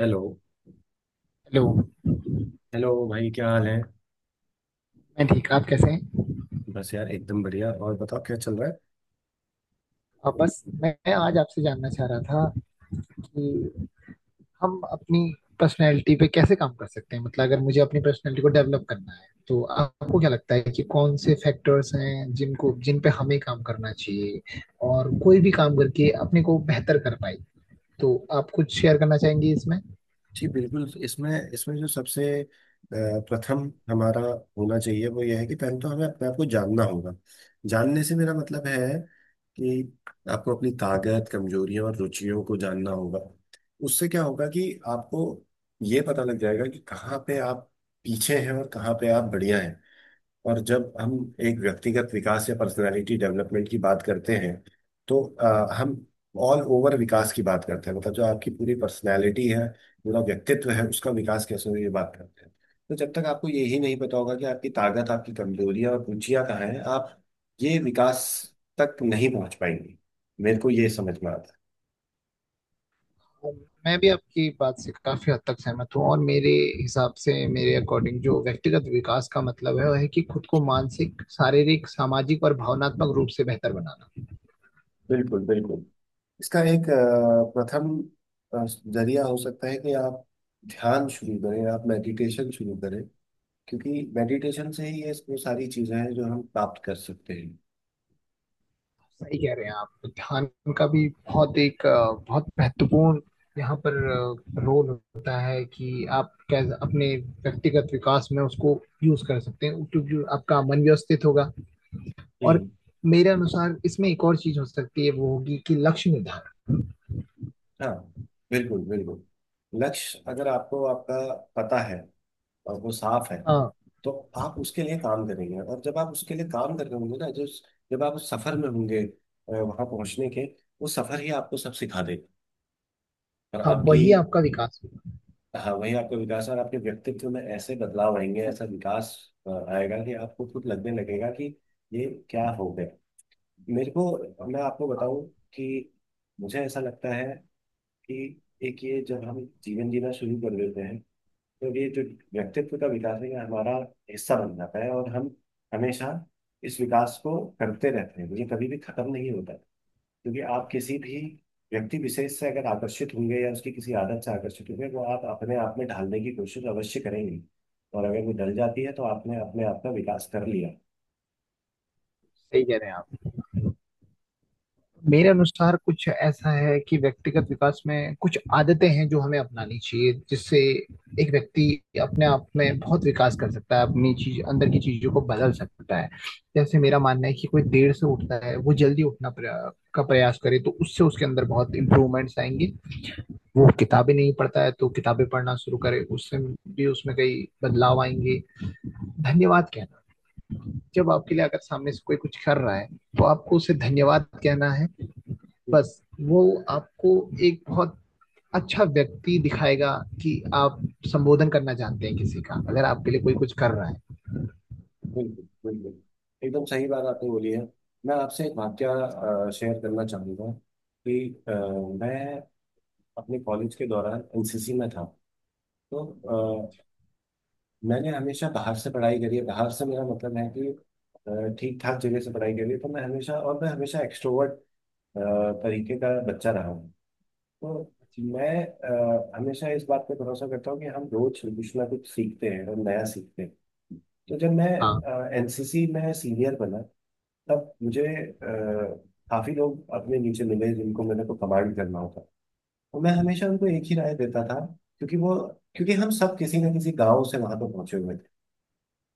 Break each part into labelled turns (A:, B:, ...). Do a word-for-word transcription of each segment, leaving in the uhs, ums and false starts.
A: Hello.
B: Hello.
A: Hello भाई, क्या हाल है?
B: मैं ठीक, आप कैसे हैं।
A: बस यार, एकदम बढ़िया। और बताओ, क्या चल रहा है?
B: आ, बस मैं आज आपसे जानना चाह रहा था कि हम अपनी पर्सनैलिटी पे कैसे काम कर सकते हैं। मतलब अगर मुझे अपनी पर्सनैलिटी को डेवलप करना है तो आपको क्या लगता है कि कौन से फैक्टर्स हैं जिनको जिन पे हमें काम करना चाहिए और कोई भी काम करके अपने को बेहतर कर पाए। तो आप कुछ शेयर करना चाहेंगे इसमें।
A: जी बिल्कुल। इसमें इसमें जो सबसे अ, प्रथम हमारा होना चाहिए वो यह है कि पहले तो हमें अपने आप को जानना होगा। जानने से मेरा मतलब है कि आपको अपनी ताकत, कमजोरियों और रुचियों को जानना होगा। उससे क्या होगा कि आपको ये पता लग जाएगा कि कहाँ पे आप पीछे हैं और कहाँ पे आप बढ़िया हैं। और जब हम एक व्यक्तिगत विकास या पर्सनालिटी डेवलपमेंट की बात करते हैं तो अ, हम ऑल ओवर विकास की बात करते हैं, मतलब जो आपकी पूरी पर्सनालिटी है, पूरा व्यक्तित्व है, उसका विकास कैसे हो, ये बात करते हैं। तो जब तक आपको यही नहीं पता होगा कि आपकी ताकत, आपकी कमजोरियां और रुचियां कहाँ हैं, आप ये विकास तक नहीं पहुंच पाएंगे। मेरे को ये समझ में आता है।
B: मैं भी आपकी बात से काफी हद तक सहमत हूँ और मेरे हिसाब से, मेरे अकॉर्डिंग, जो व्यक्तिगत विकास का मतलब है वह है कि खुद को मानसिक, शारीरिक, सामाजिक और भावनात्मक रूप से बेहतर बनाना।
A: बिल्कुल बिल्कुल। इसका एक अ, प्रथम अ, जरिया हो सकता है कि आप ध्यान शुरू करें, आप मेडिटेशन शुरू करें, क्योंकि मेडिटेशन से ही ये वो सारी चीजें हैं जो हम प्राप्त कर सकते हैं।
B: सही कह रहे हैं आप। ध्यान का भी बहुत एक अ, बहुत महत्वपूर्ण यहाँ पर अ, रोल होता है कि आप कैसे अपने व्यक्तिगत विकास में उसको यूज कर सकते हैं, क्योंकि आपका मन व्यवस्थित होगा। और
A: हम्म।
B: मेरे अनुसार इसमें एक और चीज हो सकती है, वो होगी कि लक्ष्य निर्धारण।
A: हाँ, बिल्कुल बिल्कुल। लक्ष्य अगर आपको आपका पता है और वो साफ है,
B: हाँ।
A: तो आप उसके लिए काम करेंगे। और जब आप उसके लिए काम कर रहे होंगे ना, जो जब आप उस सफर में होंगे, अ, वहां पहुंचने के, वो सफर ही आपको सब सिखा देगा। और
B: हाँ,
A: आपकी।
B: वही आपका विकास।
A: हाँ, वही आपका विकास। और आपके व्यक्तित्व में ऐसे बदलाव आएंगे, ऐसा विकास अ, आएगा कि आपको खुद लगने लगेगा कि ये क्या हो गया। मेरे को, मैं आपको बताऊं कि मुझे ऐसा लगता है कि एक ये जब हम जीवन जीना शुरू कर देते हैं, तो ये जो व्यक्तित्व का विकास है ये हमारा हिस्सा बन जाता है, और हम हमेशा इस विकास को करते रहते हैं। ये कभी भी खत्म नहीं होता, क्योंकि आप किसी भी व्यक्ति विशेष से अगर आकर्षित होंगे, या उसकी किसी आदत से आकर्षित होंगे, वो आप अपने आप में ढालने की कोशिश अवश्य करेंगे। और अगर वो डल जाती है, तो आपने अपने आप का विकास कर लिया।
B: सही कह रहे हैं आप। मेरे अनुसार कुछ ऐसा है कि व्यक्तिगत विकास में कुछ आदतें हैं जो हमें अपनानी चाहिए, जिससे एक व्यक्ति अपने आप में बहुत विकास कर सकता है, अपनी चीज, अंदर की चीजों को बदल सकता है। जैसे मेरा मानना है कि कोई देर से उठता है, वो जल्दी उठना प्रया, का प्रयास करे तो उससे उसके अंदर बहुत इंप्रूवमेंट्स आएंगे। वो किताबें नहीं पढ़ता है तो किताबें पढ़ना शुरू करे, उससे भी उसमें कई बदलाव आएंगे। धन्यवाद कहना, जब आपके लिए अगर सामने से कोई कुछ कर रहा है तो आपको उसे धन्यवाद कहना है। बस वो आपको एक बहुत अच्छा व्यक्ति दिखाएगा कि आप संबोधन करना चाहते हैं किसी का, अगर आपके लिए कोई कुछ कर रहा है।
A: बिल्कुल बिल्कुल। एकदम सही बात आपने बोली है। मैं आपसे एक वाक्य शेयर करना चाहूँगा कि अ, मैं अपने कॉलेज के दौरान एन सी सी में था। तो अ, मैंने हमेशा बाहर से पढ़ाई करी है। बाहर से मेरा मतलब है कि ठीक ठाक जगह से पढ़ाई करी है। तो मैं हमेशा और मैं हमेशा एक्सट्रोवर्ट तरीके का बच्चा रहा हूँ। तो मैं अ, हमेशा इस बात पे भरोसा करता हूँ कि हम रोज कुछ ना कुछ सीखते हैं और नया सीखते हैं। तो जब मैं
B: हाँ।
A: एन सी सी में सीनियर बना, तब मुझे अ, काफी लोग अपने नीचे मिले जिनको मैंने को कमांड करना होता। और मैं हमेशा उनको एक ही राय देता था। क्योंकि वो क्योंकि हम सब किसी ना किसी गांव से वहां पर पहुंचे हुए थे।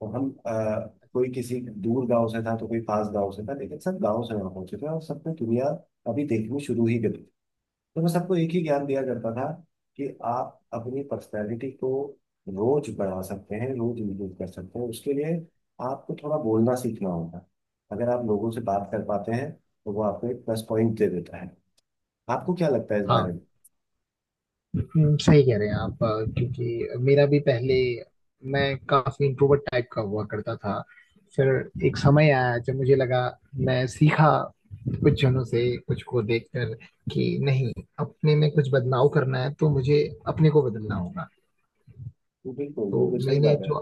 A: और हम अ, कोई किसी दूर गांव से था, तो कोई पास गांव से था, लेकिन सब गांव से वहां पहुंचे थे और सबने दुनिया अभी देखनी शुरू ही कर। तो वो सबको एक ही ज्ञान दिया करता था कि आप अपनी पर्सनैलिटी को रोज बढ़ा सकते हैं, रोज इम्प्रूव कर सकते हैं। उसके लिए आपको थोड़ा बोलना सीखना होगा। अगर आप लोगों से बात कर पाते हैं, तो वो आपको एक प्लस पॉइंट दे देता है। आपको क्या लगता है इस बारे
B: हाँ।
A: में?
B: हम्म, सही कह रहे हैं आप। अ, क्योंकि मेरा भी पहले, मैं काफी इंट्रोवर्ट टाइप का हुआ करता था। फिर एक समय आया जब मुझे लगा, मैं सीखा कुछ जनों से, कुछ को देखकर, कि नहीं, अपने में कुछ बदलाव करना है तो मुझे अपने को बदलना होगा।
A: बिल्कुल
B: तो
A: वो बिल्कुल सही
B: मैंने
A: बात है।
B: जो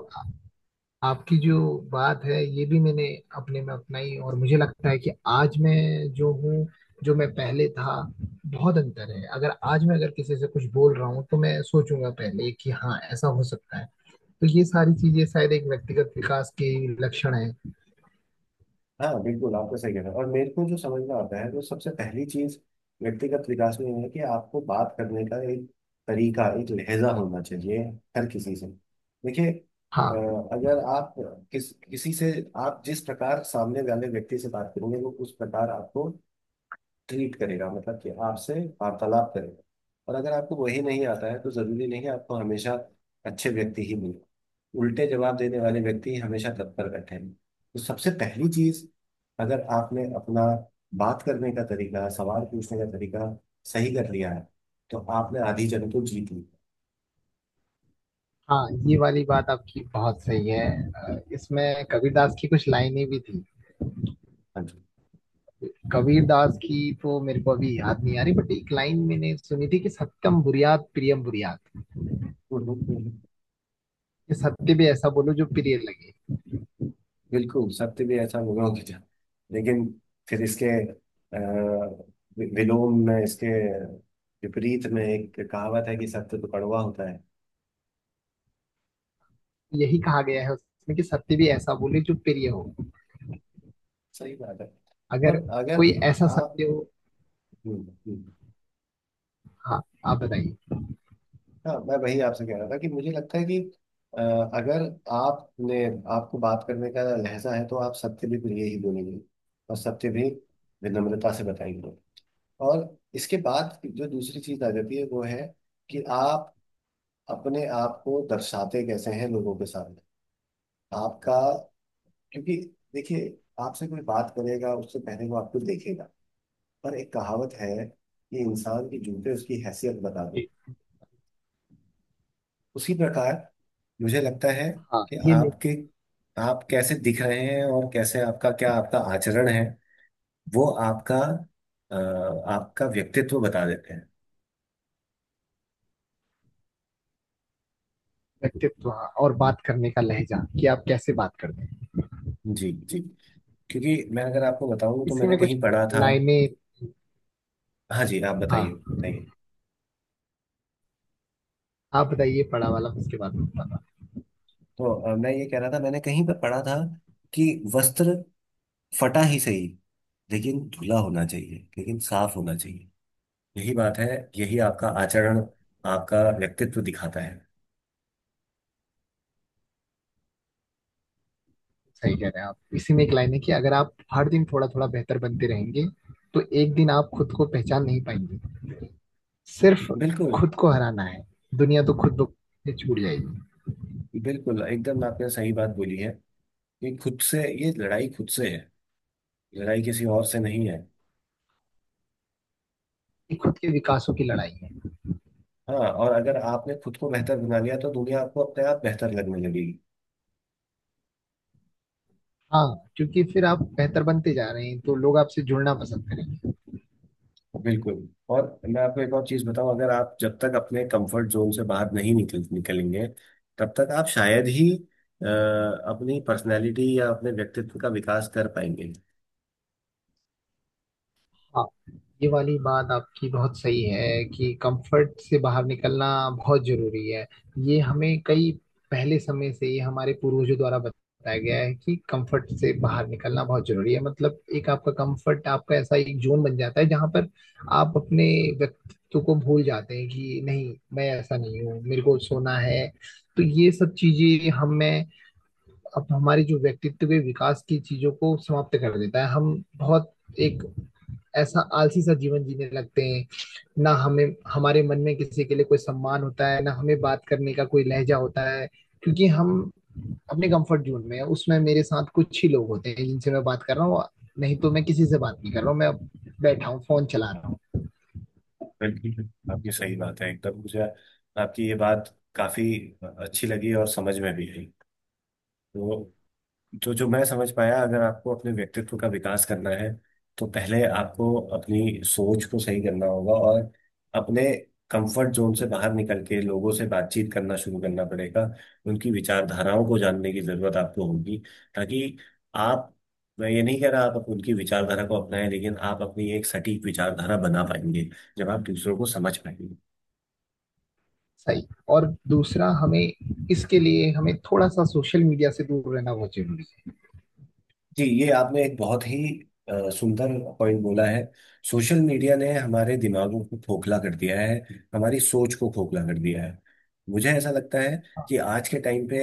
B: आपकी जो बात है ये भी मैंने अपने में अपनाई, और मुझे लगता है कि आज मैं जो हूँ, जो मैं पहले था, बहुत अंतर है। अगर आज मैं अगर किसी से कुछ बोल रहा हूँ तो मैं सोचूंगा पहले कि हाँ ऐसा हो सकता है। तो ये सारी चीजें शायद एक व्यक्तिगत विकास के लक्षण है।
A: हाँ, बिल्कुल आपका सही कहना है। और मेरे को जो समझ में आता है, तो सबसे पहली चीज व्यक्तिगत विकास में ये है कि आपको बात करने का एक तरीका, एक लहजा होना चाहिए हर किसी से। देखिए, अ,
B: हाँ।
A: अगर आप, किस किसी से आप जिस प्रकार सामने वाले व्यक्ति से बात करेंगे, वो उस प्रकार आपको ट्रीट करेगा, मतलब कि आपसे वार्तालाप करेगा। और अगर आपको वही नहीं आता है, तो जरूरी नहीं है आपको हमेशा अच्छे व्यक्ति ही मिले। उल्टे जवाब देने वाले व्यक्ति ही हमेशा तत्पर बैठे हैं। तो सबसे पहली चीज, अगर आपने अपना बात करने का तरीका, सवाल पूछने का तरीका सही कर लिया है, तो आपने आधी जंग तो जीत ली।
B: हाँ, ये वाली बात आपकी बहुत सही है। अ, इसमें कबीरदास की कुछ लाइनें भी थी।
A: हाँ जी।
B: कबीरदास की तो मेरे को अभी याद नहीं आ रही, बट एक लाइन मैंने सुनी थी कि सत्यम बुरियात प्रियम बुरियात।
A: हम्म, हम्म, हम्म।
B: कि सत्य भी ऐसा बोलो जो प्रिय लगे।
A: बिल्कुल, सत्य भी ऐसा होगा कि था। लेकिन फिर इसके अ, वि- विलोम में, इसके विपरीत में एक कहावत है कि सत्य तो कड़वा होता है।
B: यही कहा गया है उसमें कि सत्य भी ऐसा बोले जो प्रिय हो।
A: सही बात है।
B: अगर
A: और अगर
B: कोई ऐसा
A: आप।
B: सत्य हो।
A: हम्म, हम्म।
B: हाँ, आप बताइए।
A: हाँ, मैं वही आपसे कह रहा था कि मुझे लगता है कि अ, अगर आपने आपको बात करने का लहजा है, तो आप सत्य भी प्रिय ही बोलेंगे, और सत्य भी विनम्रता से बताएंगे। और इसके बाद जो दूसरी चीज आ जाती है, वो है कि आप अपने आप को दर्शाते कैसे हैं लोगों के सामने। आपका, क्योंकि देखिए, आपसे कोई बात करेगा उससे पहले वो आपको देखेगा। पर एक कहावत है कि इंसान की जूते उसकी हैसियत बता दो।
B: कि
A: उसी प्रकार मुझे लगता है
B: हाँ,
A: कि
B: ये मेरा
A: आपके आप कैसे दिख रहे हैं, और कैसे आपका क्या आपका आचरण है, वो आपका अ, आपका व्यक्तित्व बता देते हैं।
B: व्यक्तित्व, हाँ। और बात करने का लहजा कि आप कैसे बात करते हैं।
A: जी जी। क्योंकि मैं, अगर आपको बताऊं, तो
B: इसी
A: मैंने
B: में कुछ
A: कहीं पढ़ा था।
B: लाइनें।
A: हाँ जी, आप बताइए
B: हाँ,
A: बताइए।
B: आप बताइए, पड़ा वाला उसके बाद में बताना।
A: तो अ, मैं ये कह रहा था, मैंने कहीं पर पढ़ा था कि वस्त्र फटा ही सही, लेकिन धुला होना चाहिए, लेकिन साफ होना चाहिए। यही बात है। यही आपका आचरण, आपका व्यक्तित्व दिखाता है।
B: सही कह रहे हैं आप। इसी में एक लाइन है कि अगर आप हर दिन थोड़ा थोड़ा बेहतर बनते रहेंगे तो एक दिन आप खुद को पहचान नहीं पाएंगे। सिर्फ
A: बिल्कुल
B: खुद को हराना है, दुनिया तो खुद ब- से छूट जाएगी।
A: बिल्कुल, एकदम आपने सही बात बोली है कि खुद से, ये लड़ाई खुद से है, लड़ाई किसी और से नहीं है।
B: ये खुद के विकासों की लड़ाई है।
A: हाँ, और अगर आपने खुद को बेहतर बना लिया, तो दुनिया आपको अपने आप बेहतर लगने लगेगी।
B: हाँ, क्योंकि फिर आप बेहतर बनते जा रहे हैं तो लोग आपसे जुड़ना पसंद करेंगे।
A: बिल्कुल। और मैं आपको एक और चीज बताऊं, अगर आप, जब तक अपने कंफर्ट जोन से बाहर नहीं निकल निकलेंगे, तब तक आप शायद ही अ, अपनी पर्सनालिटी या अपने व्यक्तित्व का विकास कर पाएंगे।
B: हाँ, ये वाली बात आपकी बहुत सही है कि कंफर्ट से बाहर निकलना बहुत जरूरी है। ये हमें कई पहले समय से ही हमारे पूर्वजों द्वारा बताया गया है कि कंफर्ट से बाहर निकलना बहुत जरूरी है। मतलब एक आपका कंफर्ट, आपका ऐसा एक जोन बन जाता है जहां पर आप अपने व्यक्तित्व को भूल जाते हैं कि नहीं, मैं ऐसा नहीं हूँ, मेरे को सोना है। तो ये सब चीजें हमें, अब हमारी जो व्यक्तित्व के विकास की चीजों को समाप्त कर देता है। हम बहुत एक ऐसा आलसी सा जीवन जीने लगते हैं। ना हमें हमारे मन में किसी के लिए कोई सम्मान होता है, ना हमें बात करने का कोई लहजा होता है, क्योंकि हम अपने कंफर्ट जोन में हैं। उसमें मेरे साथ कुछ ही लोग होते हैं जिनसे मैं बात कर रहा हूँ, नहीं तो मैं किसी से बात नहीं कर रहा हूँ। मैं बैठा हूँ, फोन चला रहा हूँ।
A: बिल्कुल आपकी सही बात है एकदम। मुझे आपकी ये बात काफी अच्छी लगी और समझ में भी आई। तो जो जो मैं समझ पाया, अगर आपको अपने व्यक्तित्व का विकास करना है, तो पहले आपको अपनी सोच को सही करना होगा, और अपने कंफर्ट जोन से बाहर निकल के लोगों से बातचीत करना शुरू करना पड़ेगा। उनकी विचारधाराओं को जानने की जरूरत आपको होगी, ताकि आप। मैं ये नहीं कह रहा आप उनकी विचारधारा को अपनाएं, लेकिन आप अपनी एक सटीक विचारधारा बना पाएंगे जब आप दूसरों को समझ पाएंगे।
B: सही। और दूसरा, हमें इसके लिए हमें थोड़ा सा सोशल मीडिया से दूर रहना बहुत जरूरी है।
A: जी, ये आपने एक बहुत ही अ, सुंदर पॉइंट बोला है। सोशल मीडिया ने हमारे दिमागों को खोखला कर दिया है, हमारी सोच को खोखला कर दिया है। मुझे ऐसा लगता है कि आज के टाइम पे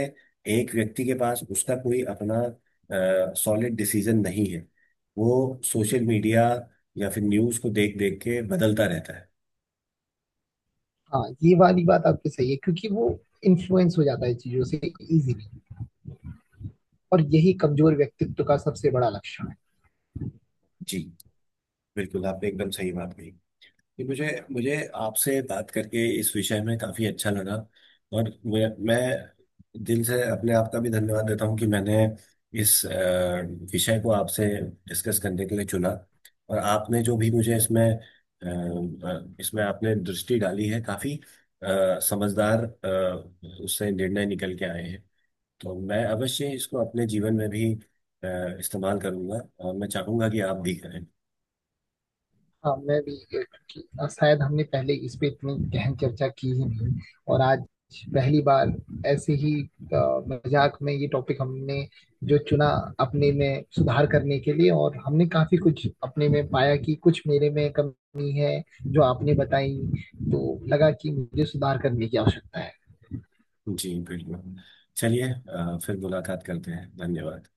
A: एक व्यक्ति के पास उसका कोई अपना सॉलिड डिसीजन नहीं है। वो सोशल मीडिया या फिर न्यूज़ को देख देख के बदलता रहता है।
B: हाँ, ये वाली बात आपकी सही है, क्योंकि वो इन्फ्लुएंस हो जाता है चीजों से इजीली, और यही कमजोर व्यक्तित्व का सबसे बड़ा लक्षण है।
A: जी बिल्कुल, आपने एकदम सही बात कही कि मुझे मुझे आपसे बात करके इस विषय में काफी अच्छा लगा। और मैं मैं दिल से अपने आप का भी धन्यवाद देता हूँ कि मैंने इस अ, विषय को आपसे डिस्कस करने के लिए चुना। और आपने जो भी मुझे इसमें अ, अ, इसमें आपने दृष्टि डाली है, काफी अ, समझदार, अ, उससे निर्णय निकल के आए हैं। तो मैं अवश्य इसको अपने जीवन में भी अ, इस्तेमाल करूंगा, और मैं चाहूंगा कि आप भी करें।
B: हाँ, मैं भी, क्योंकि शायद हमने पहले इस पे इतनी गहन चर्चा की ही नहीं, और आज पहली बार ऐसे ही अ, मजाक में ये टॉपिक हमने जो चुना अपने में सुधार करने के लिए, और हमने काफी कुछ अपने में पाया कि कुछ मेरे में कमी है जो आपने बताई, तो लगा कि मुझे सुधार करने की आवश्यकता है।
A: जी बिल्कुल। चलिए, अ, फिर मुलाकात करते हैं। धन्यवाद।